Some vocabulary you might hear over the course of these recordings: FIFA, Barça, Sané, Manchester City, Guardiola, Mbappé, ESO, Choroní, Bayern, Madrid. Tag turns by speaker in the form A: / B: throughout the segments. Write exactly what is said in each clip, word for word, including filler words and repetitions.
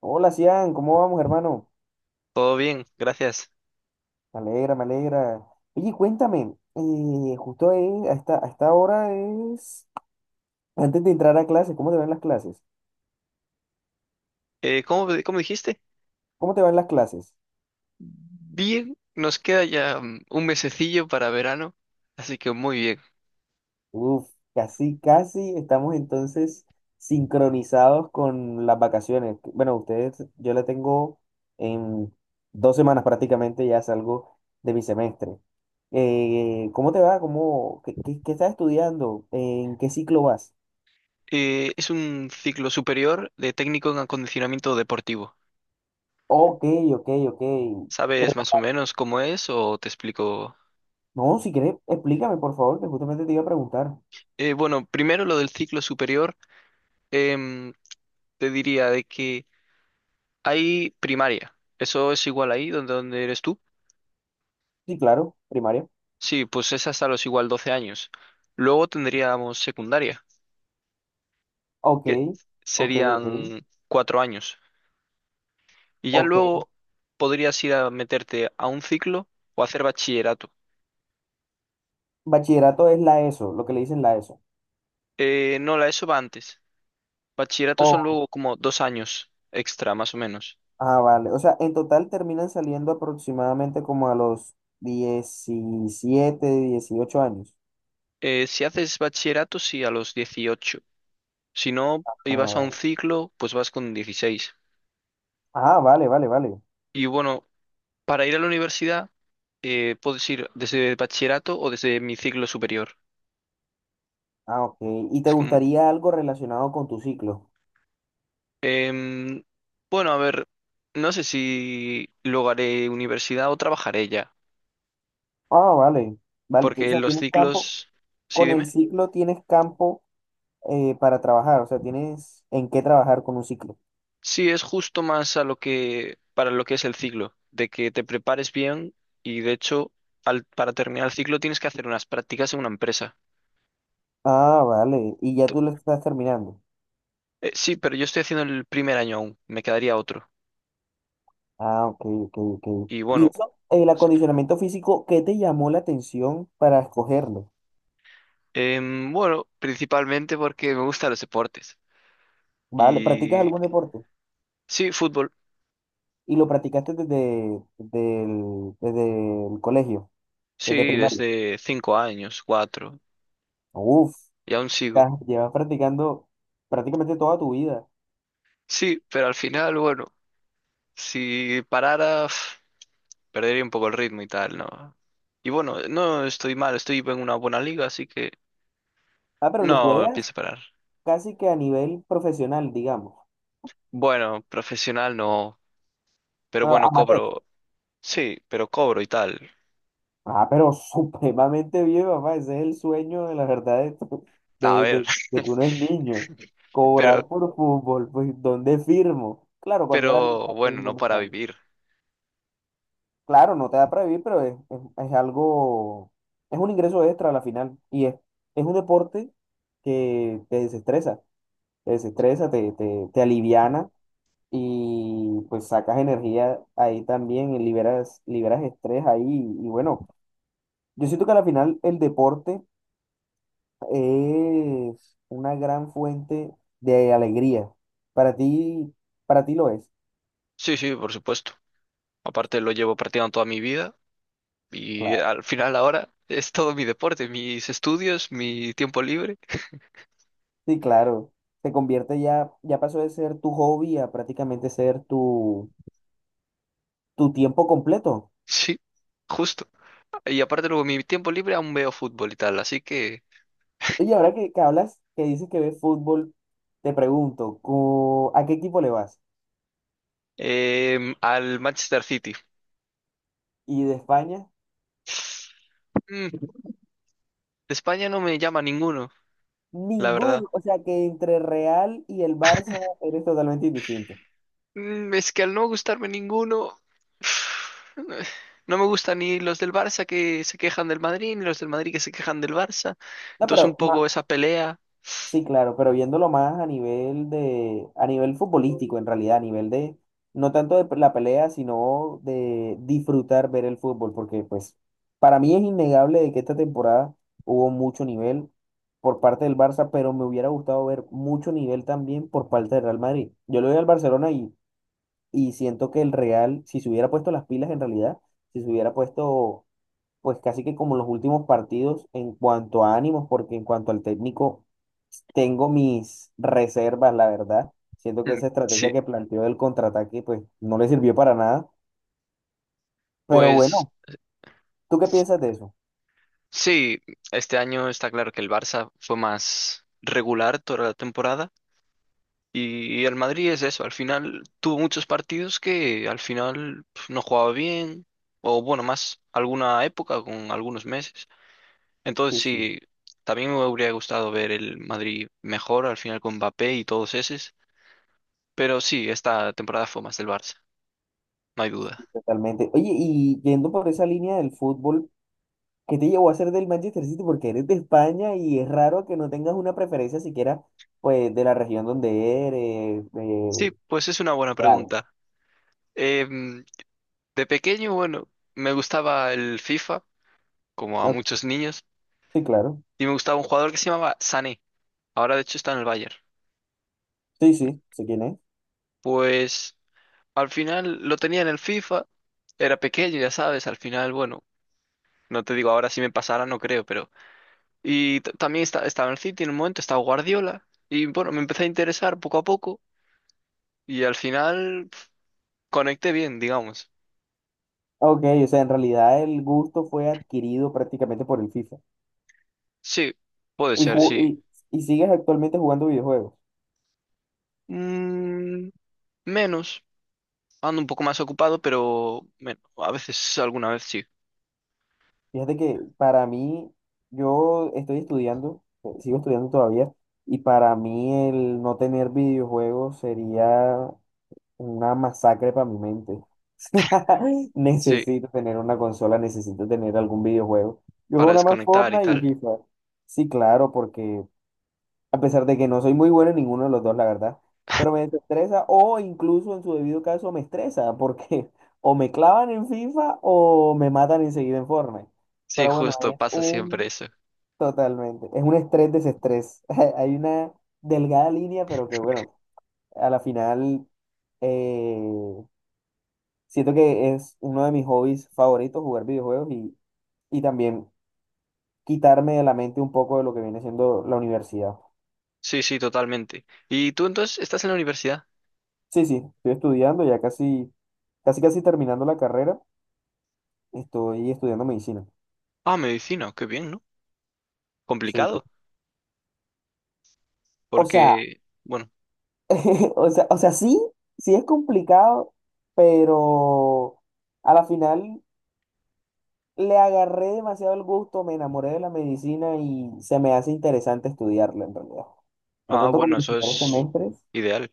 A: Hola, Cian, ¿cómo vamos, hermano?
B: Todo bien, gracias.
A: Me alegra, me alegra. Oye, cuéntame, eh, justo ahí, a esta, a esta hora es antes de entrar a clases, ¿cómo te van las clases?
B: Eh, ¿cómo, cómo dijiste?
A: ¿Cómo te van las clases?
B: Bien, nos queda ya mm, un mesecillo para verano, así que muy bien.
A: Uf, casi, casi estamos entonces sincronizados con las vacaciones. Bueno, ustedes, yo la tengo en dos semanas prácticamente, ya salgo de mi semestre. Eh, ¿cómo te va? ¿Cómo, qué, qué- qué estás estudiando? ¿En qué ciclo vas?
B: Eh, es un ciclo superior de técnico en acondicionamiento deportivo.
A: Ok, ok, ok.
B: ¿Sabes más o menos cómo es o te explico?
A: No, si quieres, explícame, por favor, que justamente te iba a preguntar.
B: Eh, bueno, primero lo del ciclo superior, em, te diría de que hay primaria. ¿Eso es igual ahí donde, donde eres tú?
A: Sí, claro, primaria.
B: Sí, pues es hasta los igual doce años. Luego tendríamos secundaria,
A: Ok,
B: que
A: ok, ok,
B: serían cuatro años. Y ya
A: ok.
B: luego podrías ir a meterte a un ciclo o hacer bachillerato.
A: Bachillerato es la ESO, lo que le dicen la ESO.
B: Eh, no, la ESO va antes. Bachillerato son
A: Oh,
B: luego como dos años extra, más o menos.
A: ah, vale. O sea, en total terminan saliendo aproximadamente como a los diecisiete dieciocho años.
B: Eh, si haces bachillerato, sí, a los dieciocho. Si no,
A: Ah,
B: ibas a un
A: vale.
B: ciclo, pues vas con dieciséis.
A: Ah, vale, vale, vale.
B: Y bueno, para ir a la universidad, eh, puedes ir desde bachillerato o desde mi ciclo superior.
A: Ah, ok. ¿Y te
B: Es como,
A: gustaría algo relacionado con tu ciclo?
B: em, bueno, a ver, no sé si luego haré universidad o trabajaré ya.
A: Ah, vale, vale. O
B: Porque
A: sea,
B: los
A: tienes campo,
B: ciclos, sí,
A: con el
B: dime.
A: ciclo tienes campo eh, para trabajar, o sea, tienes en qué trabajar con un ciclo.
B: Sí, es justo más a lo que, para lo que es el ciclo, de que te prepares bien y de hecho, al, para terminar el ciclo tienes que hacer unas prácticas en una empresa.
A: Ah, vale. Y ya
B: Ento-
A: tú lo estás terminando.
B: eh, sí, pero yo estoy haciendo el primer año aún, me quedaría otro.
A: Ah, ok, ok, ok.
B: Y
A: Y
B: bueno,
A: eso, el
B: s-
A: acondicionamiento físico, ¿qué te llamó la atención para escogerlo?
B: em, bueno, principalmente porque me gustan los deportes.
A: Vale, ¿practicas
B: Y
A: algún deporte?
B: sí, fútbol,
A: Y lo practicaste desde, desde el, desde el colegio, desde
B: sí,
A: primaria.
B: desde cinco años, cuatro,
A: Uf,
B: y aún sigo.
A: ya llevas practicando prácticamente toda tu vida.
B: Sí, pero al final, bueno, si parara, perdería un poco el ritmo y tal, ¿no? Y bueno, no estoy mal, estoy en una buena liga, así que
A: Ah, pero lo
B: no
A: juegas
B: pienso parar.
A: casi que a nivel profesional, digamos,
B: Bueno, profesional no, pero
A: pero
B: bueno,
A: amateur.
B: cobro, sí, pero cobro y tal.
A: Ah, pero supremamente bien, papá. Ese es el sueño de la verdad de, to-
B: A
A: de,
B: ver,
A: de- de que uno es niño.
B: pero,
A: Cobrar por fútbol, pues, ¿dónde firmo? Claro, cuando era niño,
B: pero
A: ahora
B: bueno,
A: mismo
B: no
A: no
B: para
A: tanto.
B: vivir.
A: Claro, no te da para vivir, pero es, es, es algo, es un ingreso extra a la final. Y es, es un deporte que te desestresa, te desestresa, te, te, te aliviana y pues sacas energía ahí también y liberas, liberas estrés ahí. Y bueno, yo siento que a la final el deporte es una gran fuente de alegría. Para ti, para ti lo es.
B: Sí, sí, por supuesto. Aparte lo llevo practicando toda mi vida y
A: Claro.
B: al final ahora es todo mi deporte, mis estudios, mi tiempo libre.
A: Sí, claro. Se convierte ya, ya pasó de ser tu hobby a prácticamente ser tu, tu tiempo completo.
B: Sí, justo. Y aparte luego mi tiempo libre aún veo fútbol y tal, así que.
A: Oye, ahora que, que hablas, que dices que ves fútbol, te pregunto, co- ¿a qué equipo le vas?
B: Em, al Manchester City.
A: ¿Y de España?
B: Mm, de España no me llama ninguno, la verdad.
A: Ninguno. O sea que entre Real y el Barça eres totalmente indistinto.
B: Mm, es que al no gustarme ninguno, no me gustan ni los del Barça que se quejan del Madrid, ni los del Madrid que se quejan del Barça.
A: No,
B: Entonces un
A: pero
B: poco
A: ma-
B: esa pelea.
A: Sí, claro, pero viéndolo más a nivel de, a nivel futbolístico, en realidad, a nivel de, no tanto de la pelea, sino de disfrutar ver el fútbol, porque pues para mí es innegable de que esta temporada hubo mucho nivel por parte del Barça, pero me hubiera gustado ver mucho nivel también por parte del Real Madrid. Yo le doy al Barcelona y, y siento que el Real, si se hubiera puesto las pilas en realidad, si se hubiera puesto pues casi que como los últimos partidos en cuanto a ánimos, porque en cuanto al técnico tengo mis reservas, la verdad. Siento que
B: Mm,
A: esa estrategia
B: Sí,
A: que planteó del contraataque, pues no le sirvió para nada. Pero
B: pues
A: bueno, ¿tú qué
B: s-
A: piensas de eso?
B: sí, este año está claro que el Barça fue más regular toda la temporada. Y el Madrid es eso, al final tuvo muchos partidos que al final pf, no jugaba bien, o bueno, más alguna época con algunos meses. Entonces
A: Sí, sí,
B: sí, también me hubiera gustado ver el Madrid mejor al final con Mbappé y todos esos, pero sí, esta temporada fue más del Barça, no hay duda.
A: totalmente. Oye, y yendo por esa línea del fútbol, ¿qué te llevó a ser del Manchester City? Porque eres de España y es raro que no tengas una preferencia siquiera, pues, de la región donde eres, de,
B: Sí, pues es una buena
A: de algo.
B: pregunta. Em, de pequeño, bueno, me gustaba el FIFA, como a
A: Ah,
B: muchos niños,
A: sí, claro.
B: y me gustaba un jugador que se llamaba Sané, ahora de hecho está en el Bayern.
A: Sí, sí, sé quién es.
B: Pues, al final lo tenía en el FIFA, era pequeño, ya sabes, al final, bueno, no te digo ahora si me pasara, no creo, pero. Y t- también esta- estaba en el City en un momento, estaba Guardiola, y bueno, me empecé a interesar poco a poco, y al final pf, conecté bien, digamos.
A: Ok, o sea, en realidad el gusto fue adquirido prácticamente por el FIFA.
B: Sí, puede
A: Y,
B: ser,
A: ju-
B: sí.
A: y, y sigues actualmente jugando videojuegos.
B: Mm, Menos, ando un poco más ocupado, pero men- a veces, alguna vez sí.
A: Fíjate que para mí, yo estoy estudiando, eh, sigo estudiando todavía, y para mí el no tener videojuegos sería una masacre para mi mente.
B: Sí,
A: Necesito tener una consola, necesito tener algún videojuego. Yo
B: para
A: juego nada más
B: desconectar y
A: Fortnite y
B: tal.
A: FIFA. Sí, claro, porque a pesar de que no soy muy bueno en ninguno de los dos, la verdad. Pero me desestresa o incluso en su debido caso me estresa porque o me clavan en FIFA o me matan enseguida en Fortnite.
B: Sí,
A: Pero bueno,
B: justo,
A: es
B: pasa siempre
A: un
B: eso.
A: totalmente, es un estrés desestrés. Hay una delgada línea, pero que bueno, a la final eh, siento que es uno de mis hobbies favoritos jugar videojuegos y, y también quitarme de la mente un poco de lo que viene siendo la universidad.
B: Sí, sí, totalmente. ¿Y tú entonces estás en la universidad?
A: Sí, sí, estoy estudiando, ya casi, casi, casi terminando la carrera, estoy estudiando medicina.
B: Ah, medicina, qué bien, ¿no?
A: Sí.
B: Complicado,
A: O sea,
B: porque, bueno,
A: o sea, o sea, sí, sí es complicado, pero a la final le agarré demasiado el gusto, me enamoré de la medicina y se me hace interesante estudiarla en realidad. No
B: ah,
A: tanto como
B: bueno,
A: los
B: eso
A: primeros
B: es
A: semestres,
B: ideal.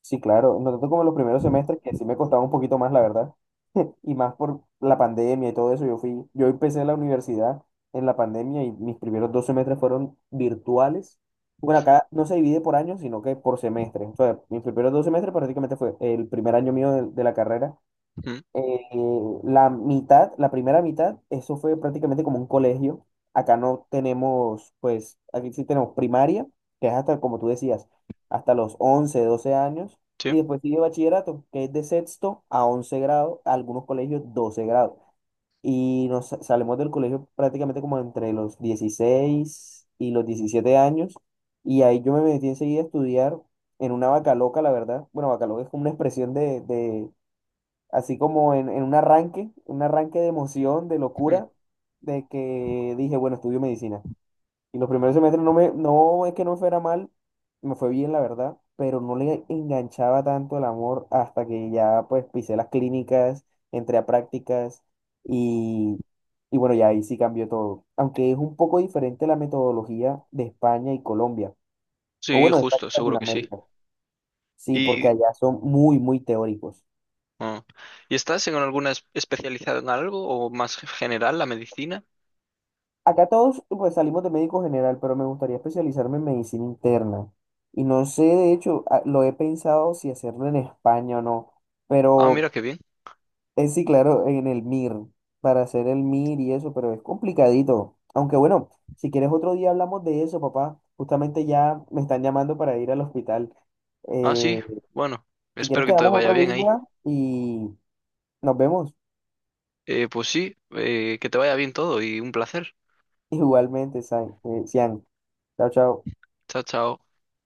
A: sí, claro, no tanto como los primeros semestres, que sí me costaba un poquito más, la verdad. Y más por la pandemia y todo eso. Yo fui, yo empecé la universidad en la pandemia y mis primeros dos semestres fueron virtuales. Bueno,
B: Uf.
A: acá no se divide por años, sino que por semestres. O sea, mis primeros dos semestres prácticamente fue el primer año mío de, de la carrera
B: Mm.
A: eh, la mitad, la primera mitad, eso fue prácticamente como un colegio. Acá no tenemos, pues, aquí sí tenemos primaria, que es hasta, como tú decías, hasta los once doce años. Y
B: Sí,
A: después sigue bachillerato, que es de sexto a once grado, algunos colegios doce grados. Y nos sa- salimos del colegio prácticamente como entre los dieciséis y los diecisiete años. Y ahí yo me metí enseguida a estudiar en una vaca loca, la verdad. Bueno, vaca loca es como una expresión de de, así como en, en un arranque, un arranque de emoción, de
B: mm,
A: locura, de que dije, bueno, estudio medicina. Y los primeros semestres no me, no es que no me fuera mal, me fue bien, la verdad, pero no le enganchaba tanto el amor hasta que ya pues pisé las clínicas, entré a prácticas y, y bueno, ya ahí sí cambió todo. Aunque es un poco diferente la metodología de España y Colombia, o
B: sí,
A: bueno, de España
B: justo,
A: y
B: seguro que sí.
A: Latinoamérica. Sí, porque
B: Y,
A: allá son muy, muy teóricos.
B: ah, ¿Y estás en alguna es- especializada en algo o más ge- general la medicina?
A: Acá todos pues salimos de médico general, pero me gustaría especializarme en medicina interna. Y no sé, de hecho, a- lo he pensado si hacerlo en España o no,
B: Ah,
A: pero
B: mira, qué bien.
A: es sí, claro, en el MIR, para hacer el MIR y eso, pero es complicadito. Aunque bueno, si quieres otro día hablamos de eso, papá. Justamente ya me están llamando para ir al hospital.
B: Ah, sí,
A: Eh,
B: bueno,
A: si
B: espero
A: quieres
B: que te
A: quedamos
B: vaya
A: otro
B: bien ahí.
A: día y nos vemos
B: Eh, pues sí, eh, que te vaya bien todo y un placer.
A: igualmente, San, eh, Sian. Chao, chao.
B: Chao, chao.